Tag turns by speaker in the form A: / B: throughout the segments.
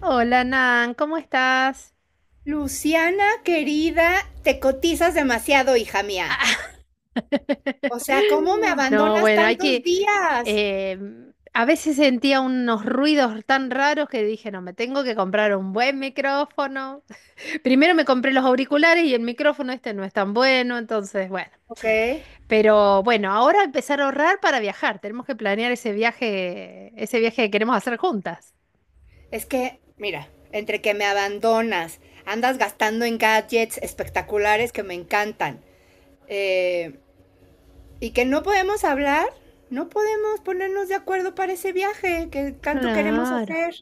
A: Hola Nan, ¿cómo estás?
B: Luciana, querida, te cotizas demasiado, hija mía. O sea, ¿cómo me
A: No,
B: abandonas
A: bueno,
B: tantos días?
A: eh, a veces sentía unos ruidos tan raros que dije, no, me tengo que comprar un buen micrófono. Primero me compré los auriculares y el micrófono este no es tan bueno, entonces, bueno.
B: Ok.
A: Pero bueno, ahora empezar a ahorrar para viajar. Tenemos que planear ese viaje que queremos hacer juntas.
B: Es que, mira, entre que me abandonas, andas gastando en gadgets espectaculares que me encantan. eh, y que no podemos hablar, no podemos ponernos de acuerdo para ese viaje que tanto queremos
A: Claro.
B: hacer.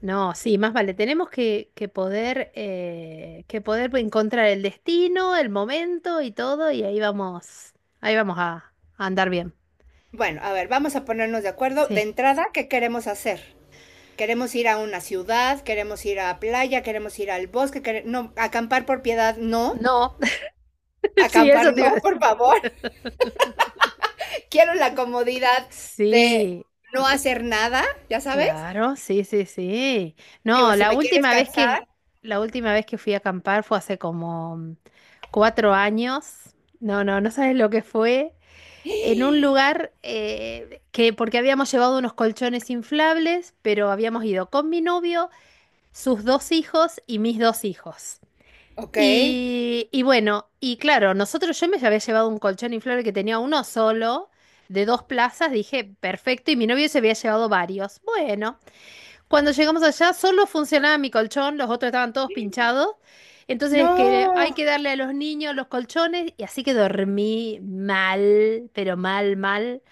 A: No, sí, más vale. Tenemos que poder, que poder encontrar el destino, el momento y todo, y ahí vamos, ahí vamos a, a andar bien.
B: Bueno, a ver, vamos a ponernos de acuerdo de
A: Sí.
B: entrada qué queremos hacer. Queremos ir a una ciudad, queremos ir a playa, queremos ir al bosque, no, acampar por piedad, no.
A: No, sí,
B: Acampar
A: eso te iba a
B: no,
A: decir.
B: por favor. Quiero la comodidad de
A: Sí,
B: no hacer nada, ¿ya sabes?
A: claro, sí, sí, sí.
B: Digo,
A: No,
B: si me quieres cansar,
A: la última vez que fui a acampar fue hace como 4 años. No, no, no sabes lo que fue. En un lugar que, porque habíamos llevado unos colchones inflables, pero habíamos ido con mi novio, sus dos hijos y mis dos hijos.
B: ok.
A: Y bueno, y claro, nosotros yo me había llevado un colchón inflable que tenía uno solo, de dos plazas, dije, perfecto, y mi novio se había llevado varios. Bueno, cuando llegamos allá solo funcionaba mi colchón, los otros estaban todos pinchados. Entonces, que hay
B: No.
A: que darle a los niños los colchones y así que dormí mal, pero mal, mal.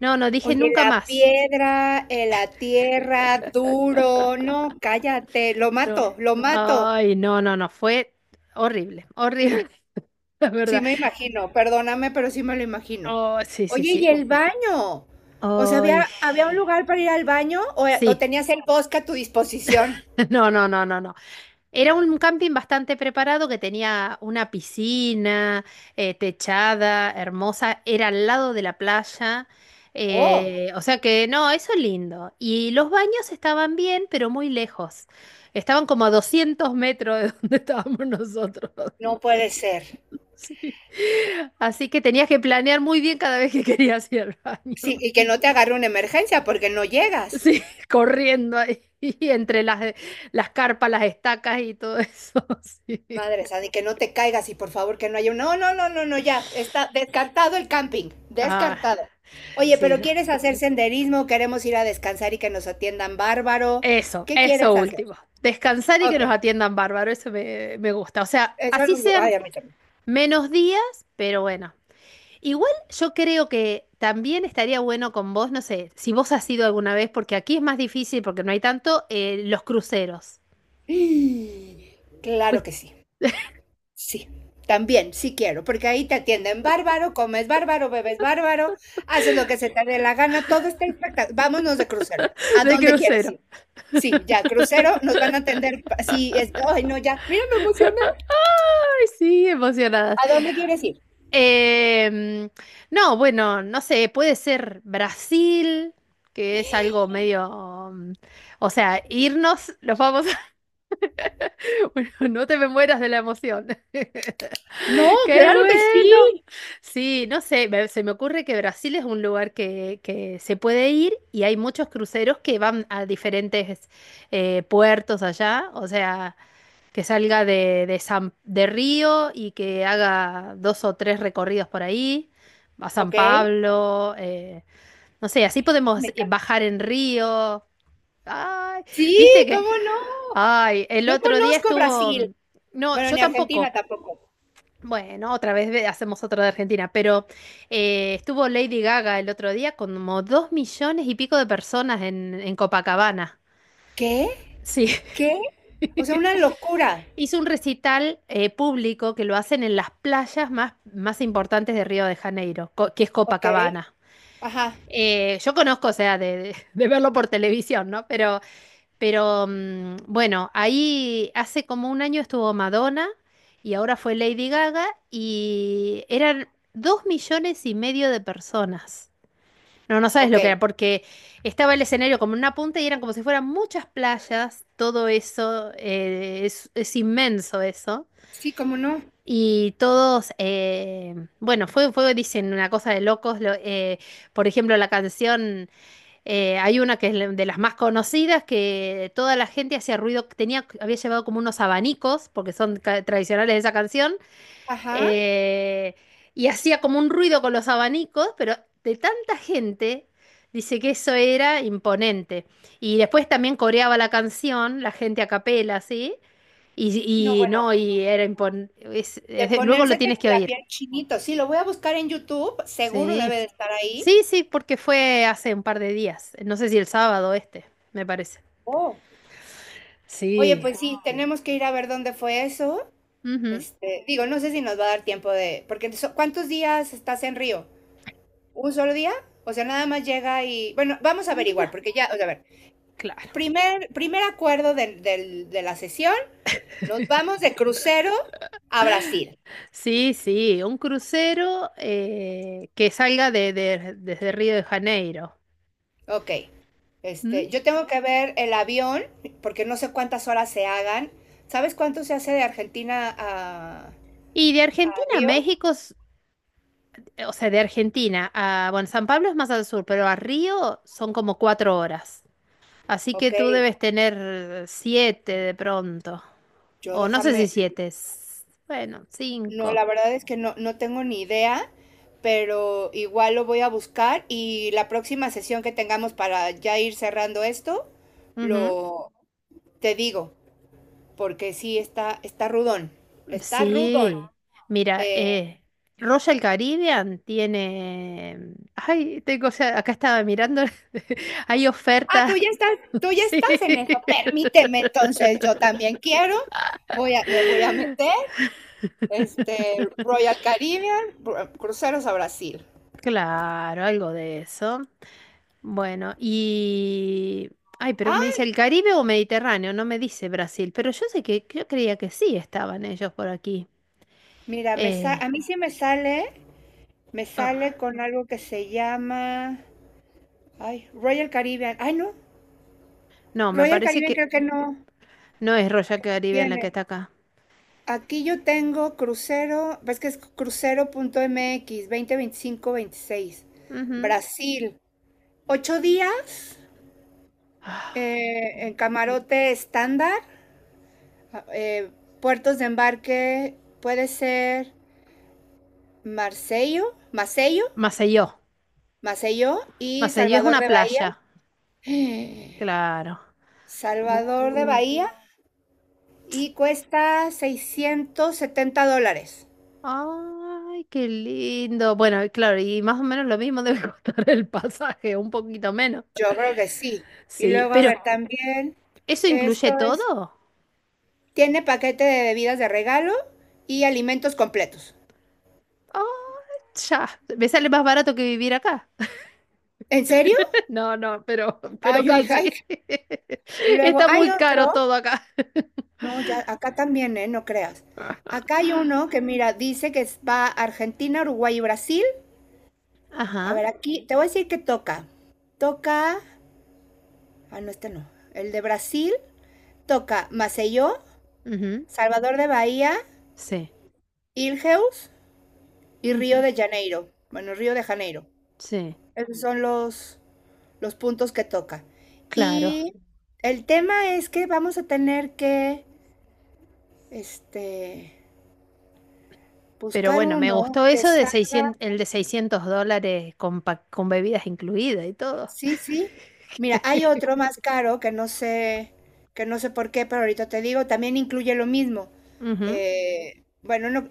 A: No, no dije
B: Oye,
A: nunca
B: la
A: más.
B: piedra, la tierra, duro, no, cállate, lo mato,
A: No.
B: lo mato.
A: Ay, no, no, no, fue horrible, horrible, la
B: Sí
A: verdad.
B: me imagino, perdóname, pero sí me lo imagino.
A: Oh, sí, sí,
B: Oye, ¿y
A: sí.
B: el baño? O sea,
A: Ay,
B: ¿había un lugar para ir al baño o
A: sí.
B: tenías el bosque a tu disposición?
A: No, no, no, no, no. Era un camping bastante preparado que tenía una piscina, techada, hermosa, era al lado de la playa.
B: Oh,
A: O sea que no, eso es lindo. Y los baños estaban bien, pero muy lejos. Estaban como a 200 metros de donde estábamos nosotros.
B: no puede ser.
A: Así que tenías que planear muy bien cada vez que querías ir al baño.
B: Sí, y que no te agarre una emergencia porque no llegas.
A: Sí, corriendo ahí entre las carpas, las estacas y todo eso. Sí.
B: Madre santa, y que no te caigas y por favor que no haya un... No, no, no, no, no, ya. Está descartado el camping.
A: Ah,
B: Descartado. Oye,
A: sí,
B: pero
A: no.
B: ¿quieres hacer senderismo? ¿Queremos ir a descansar y que nos atiendan bárbaro?
A: Eso,
B: ¿Qué
A: eso
B: quieres hacer?
A: último. Descansar y que
B: Ok.
A: nos atiendan bárbaro, eso me gusta. O sea,
B: Eso,
A: así sean
B: ay, a mí también.
A: menos días, pero bueno. Igual yo creo que también estaría bueno con vos, no sé, si vos has ido alguna vez, porque aquí es más difícil porque no hay tanto, los cruceros.
B: Mm, claro que sí, sí, también, sí quiero, porque ahí te atienden bárbaro, comes bárbaro, bebes bárbaro, haces lo que se te dé la gana, todo está espectacular. Vámonos de crucero, ¿a
A: De
B: dónde quieres
A: crucero.
B: ir? Sí, ya, crucero, nos van a atender, sí, es, ay, no, ya, mira, me emocioné.
A: Ay, sí, emocionadas.
B: ¿A dónde quieres ir?
A: Em, no, bueno, no sé, puede ser Brasil, que es algo medio, o sea, irnos, los vamos a... Bueno, no te me mueras de la emoción.
B: No,
A: ¡Qué
B: claro que sí.
A: bueno! Sí, no sé, se me ocurre que Brasil es un lugar que se puede ir y hay muchos cruceros que van a diferentes puertos allá, o sea... que salga de San, de Río y que haga dos o tres recorridos por ahí, a San
B: ¿Ok? Ay,
A: Pablo, no sé, así podemos
B: me encanta.
A: bajar en Río. Ay,
B: Sí,
A: viste que,
B: ¿cómo no?
A: ay, el
B: No
A: otro día
B: conozco
A: estuvo,
B: Brasil,
A: no,
B: bueno,
A: yo
B: ni Argentina
A: tampoco.
B: tampoco.
A: Bueno, otra vez hacemos otro de Argentina, pero estuvo Lady Gaga el otro día con como 2 millones y pico de personas en Copacabana.
B: ¿Qué?
A: Sí.
B: ¿Qué? O sea, una locura,
A: Hizo un recital público que lo hacen en las playas más, más importantes de Río de Janeiro, que es
B: ¿ok?
A: Copacabana.
B: Ajá,
A: Yo conozco, o sea, de verlo por televisión, ¿no? Pero bueno, ahí hace como un año estuvo Madonna y ahora fue Lady Gaga y eran 2,5 millones de personas. No, no sabes
B: ok.
A: lo que era, porque estaba el escenario como en una punta y eran como si fueran muchas playas, todo eso, es inmenso eso.
B: Sí, cómo no.
A: Y todos, bueno, fue, dicen, una cosa de locos. Por ejemplo, la canción, hay una que es de las más conocidas, que toda la gente hacía ruido, tenía, había llevado como unos abanicos, porque son tradicionales de esa canción,
B: Ajá.
A: eh, y hacía como un ruido con los abanicos, pero de tanta gente, dice que eso era imponente. Y después también coreaba la canción, la gente a capela, ¿sí?
B: No,
A: Y no,
B: bueno,
A: y era impon-
B: de
A: es- luego lo
B: ponérsete
A: tienes que
B: la
A: oír.
B: piel chinito. Sí, lo voy a buscar en YouTube, seguro debe
A: Sí.
B: de estar ahí.
A: Sí, sí, porque fue hace un par de días. No sé si el sábado este, me parece.
B: Oh. Oye,
A: Sí.
B: pues sí, tenemos que ir a ver dónde fue eso.
A: Ujú.
B: Este, digo, no sé si nos va a dar tiempo de, porque ¿cuántos días estás en Río? ¿Un solo día? O sea, nada más llega y, bueno, vamos a averiguar,
A: Ndra-
B: porque ya, o sea, a ver,
A: Claro.
B: primer acuerdo de la sesión, nos vamos de crucero a Brasil.
A: Sí, sí, un crucero que salga desde Río de Janeiro.
B: Ok.
A: ¿M?
B: Este, yo tengo que ver el avión, porque no sé cuántas horas se hagan. ¿Sabes cuánto se hace de
A: Y de
B: a
A: Argentina a
B: Río?
A: México, o sea, de Argentina a, bueno, San Pablo es más al sur, pero a Río son como 4 horas. Así que
B: Ok,
A: tú debes tener siete de pronto.
B: yo
A: O no sé si
B: déjame.
A: siete. Bueno,
B: No,
A: cinco.
B: la verdad es que no, no tengo ni idea, pero igual lo voy a buscar y la próxima sesión que tengamos para ya ir cerrando esto,
A: Ujú.
B: lo te digo, porque sí está rudón. Está rudón.
A: Sí. Mira,
B: Eh,
A: Royal Caribbean tiene. Ay, tengo, o sea, acá estaba mirando. Hay
B: Ah,
A: oferta.
B: tú ya
A: Sí.
B: estás en eso. Permíteme, entonces yo también quiero. Me voy a meter, este, Royal Caribbean, cruceros a Brasil.
A: Claro, algo de eso. Bueno, y... Ay, pero me
B: Ah,
A: dice el Caribe o Mediterráneo, no me dice Brasil, pero yo sé que yo creía que sí estaban ellos por aquí.
B: mira,
A: Eh,
B: a mí sí me
A: ah,
B: sale con algo que se llama, ay, Royal Caribbean. Ay, no,
A: no, me
B: Royal
A: parece
B: Caribbean
A: que...
B: creo que no
A: no es Royal Caribbean la que
B: tiene.
A: está acá.
B: Aquí yo tengo crucero, ves que es crucero.mx, 20 25 26
A: Ujú.
B: Brasil, 8 días.
A: Ah, qué
B: En
A: lindo.
B: camarote estándar, eh, puertos de embarque puede ser Macello,
A: Maceió.
B: Macello y
A: Maceió es
B: Salvador
A: una
B: de Bahía.
A: playa. Claro.
B: Salvador de
A: Uh.
B: Bahía y cuesta $670.
A: Ay, qué lindo. Bueno, y claro, y más o menos lo mismo debe costar el pasaje, un poquito menos.
B: Yo creo que sí. Y
A: Sí,
B: luego, a ver,
A: pero
B: también
A: ¿eso incluye
B: esto es,
A: todo?
B: tiene paquete de bebidas de regalo y alimentos completos.
A: Ay, ya. Me sale más barato que vivir acá.
B: ¿En serio?
A: No, no, pero
B: Ay, yo dije,
A: casi.
B: ay. Y luego
A: Está
B: hay
A: muy caro
B: otro.
A: todo acá.
B: No, ya, acá también, ¿eh? No creas. Acá hay uno que, mira, dice que va a Argentina, Uruguay y Brasil. A
A: Ajá.
B: ver, aquí te voy a decir que toca. Toca. Ah, no, este no. El de Brasil toca Maceió,
A: Ujú,
B: Salvador de Bahía,
A: sí.
B: Ilheus y Río
A: Ujú,
B: de Janeiro. Bueno, Río de Janeiro.
A: sí.
B: Esos son los puntos que toca.
A: Claro,
B: Y el tema es que vamos a tener este,
A: pero
B: buscar
A: bueno, me
B: uno
A: gustó
B: que
A: eso de 600,
B: salga.
A: el de $600 con, con bebidas incluidas y todo.
B: Sí, sí. Mira, hay otro más caro que no sé por qué, pero ahorita te digo, también incluye lo mismo.
A: Ujú,
B: Bueno, no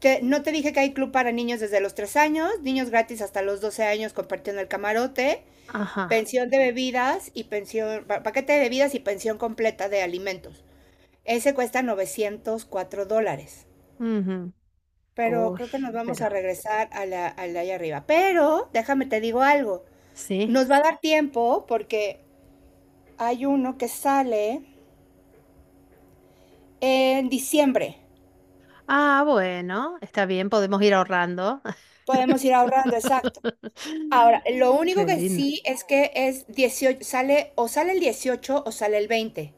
B: te, no te dije que hay club para niños desde los 3 años, niños gratis hasta los 12 años compartiendo el camarote,
A: ajá.
B: pensión de bebidas y pensión, pa- paquete de bebidas y pensión completa de alimentos. Ese cuesta $904.
A: Ujú.
B: Pero
A: Uy,
B: creo que nos vamos
A: pero
B: a regresar a al de allá arriba. Pero déjame te digo algo.
A: sí.
B: Nos va a dar tiempo porque hay uno que sale en diciembre.
A: Ah, bueno, está bien, podemos ir ahorrando.
B: Podemos ir ahorrando, exacto. Ahora, lo único
A: Qué
B: que
A: lindo.
B: sí es que es 18, sale o sale el 18 o sale el 20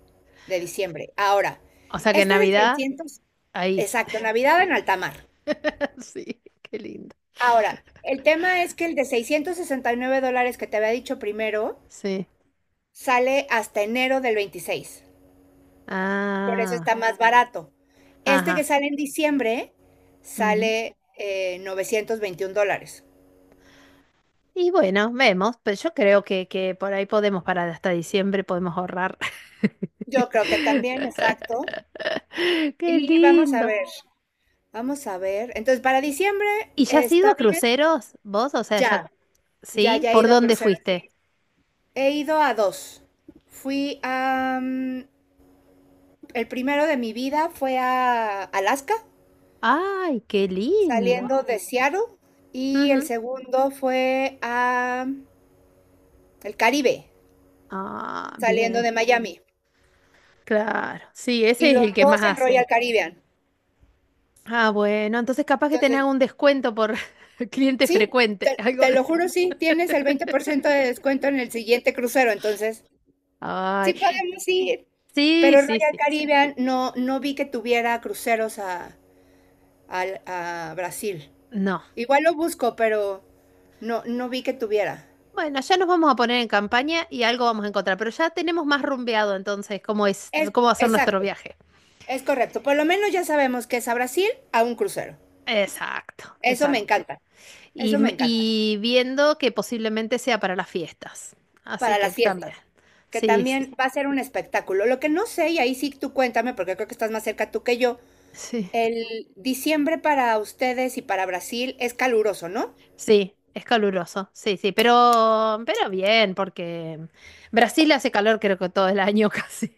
B: de diciembre. Ahora,
A: O sea que
B: este de
A: Navidad,
B: 600,
A: ahí.
B: exacto, Navidad en alta mar.
A: Sí, qué lindo.
B: Ahora, el tema es que el de $669 que te había dicho primero
A: Sí.
B: sale hasta enero del 26. Por eso está
A: Ah,
B: más barato. Este que
A: ajá.
B: sale en diciembre sale $921.
A: Y bueno, vemos, pero yo creo que por ahí podemos parar hasta diciembre, podemos ahorrar.
B: Yo creo que también, exacto.
A: Qué
B: Y vamos a
A: lindo.
B: ver, vamos a ver. Entonces, para diciembre
A: ¿Y ya has ido
B: está
A: a
B: bien,
A: cruceros vos? O sea,
B: ya,
A: ya, ¿sí?
B: ya he
A: ¿Por
B: ido a
A: dónde
B: cruceros. Sí.
A: fuiste?
B: He ido a dos. Fui a... mm, el primero de mi vida fue a Alaska,
A: Ay, qué lindo.
B: saliendo de Seattle, y el
A: Ujú.
B: segundo fue a el Caribe,
A: Ah,
B: saliendo
A: bien.
B: de Miami.
A: Claro. Sí, ese
B: Y
A: es
B: los
A: el que más
B: dos en Royal
A: hacen.
B: Caribbean.
A: Ah, bueno, entonces capaz que tenés
B: Entonces,
A: algún descuento por cliente
B: sí,
A: frecuente, algo
B: te
A: de
B: lo
A: eso.
B: juro, sí, tienes el 20% de descuento en el siguiente crucero, entonces
A: Ay,
B: sí podemos ir,
A: sí,
B: pero
A: sí,
B: Royal
A: sí.
B: Caribbean no, no vi que tuviera cruceros a Brasil.
A: No.
B: Igual lo busco, pero no, no vi que tuviera.
A: Bueno, ya nos vamos a poner en campaña y algo vamos a encontrar, pero ya tenemos más rumbeado entonces cómo es,
B: Es,
A: cómo va a ser nuestro
B: exacto,
A: viaje.
B: es correcto. Por lo menos ya sabemos que es a Brasil a un crucero.
A: Exacto,
B: Eso me
A: exacto.
B: encanta,
A: Y,
B: eso me encanta.
A: y viendo que posiblemente sea para las fiestas. Así
B: Para
A: que
B: las
A: también.
B: fiestas, que
A: Sí, sí,
B: también va a ser un espectáculo. Lo que no sé, y ahí sí tú cuéntame, porque creo que estás más cerca tú que yo,
A: sí.
B: el diciembre para ustedes y para Brasil es caluroso, ¿no?
A: Sí, es caluroso, sí, sí, pero bien, porque Brasil hace calor creo que todo el año casi,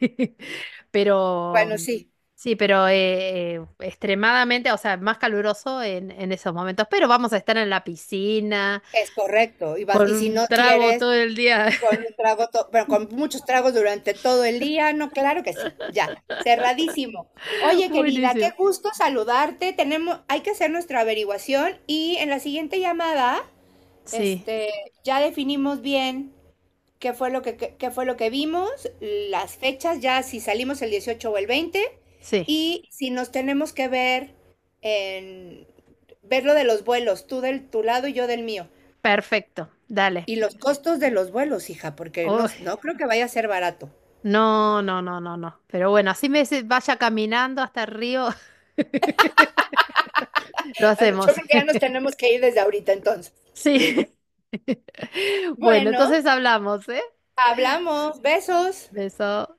A: pero
B: Bueno, sí.
A: sí, pero extremadamente, o sea, más caluroso en esos momentos, pero vamos a estar en la piscina
B: Es correcto, y vas,
A: con
B: y si no
A: un trago
B: quieres,
A: todo el día.
B: con un trago, bueno, con muchos tragos durante todo el día, no, claro que sí, ya, cerradísimo. Oye, querida, qué
A: Buenísimo.
B: gusto saludarte. Tenemos, hay que hacer nuestra averiguación y en la siguiente llamada,
A: Sí,
B: este, ya definimos bien qué fue lo qué fue lo que vimos, las fechas, ya si salimos el 18 o el 20,
A: sí,
B: y si nos tenemos que ver en ver lo de los vuelos, tú del tu lado y yo del mío.
A: perfecto, dale.
B: Y los costos de los vuelos, hija, porque no,
A: Oh,
B: no creo que vaya a ser barato.
A: no, no, no, no, no. Pero bueno, así me vaya caminando hasta el río. Lo
B: Yo
A: hacemos.
B: creo que ya nos tenemos que ir desde ahorita entonces.
A: Sí. Bueno,
B: Bueno,
A: entonces hablamos, ¿eh?
B: hablamos. Besos.
A: Beso.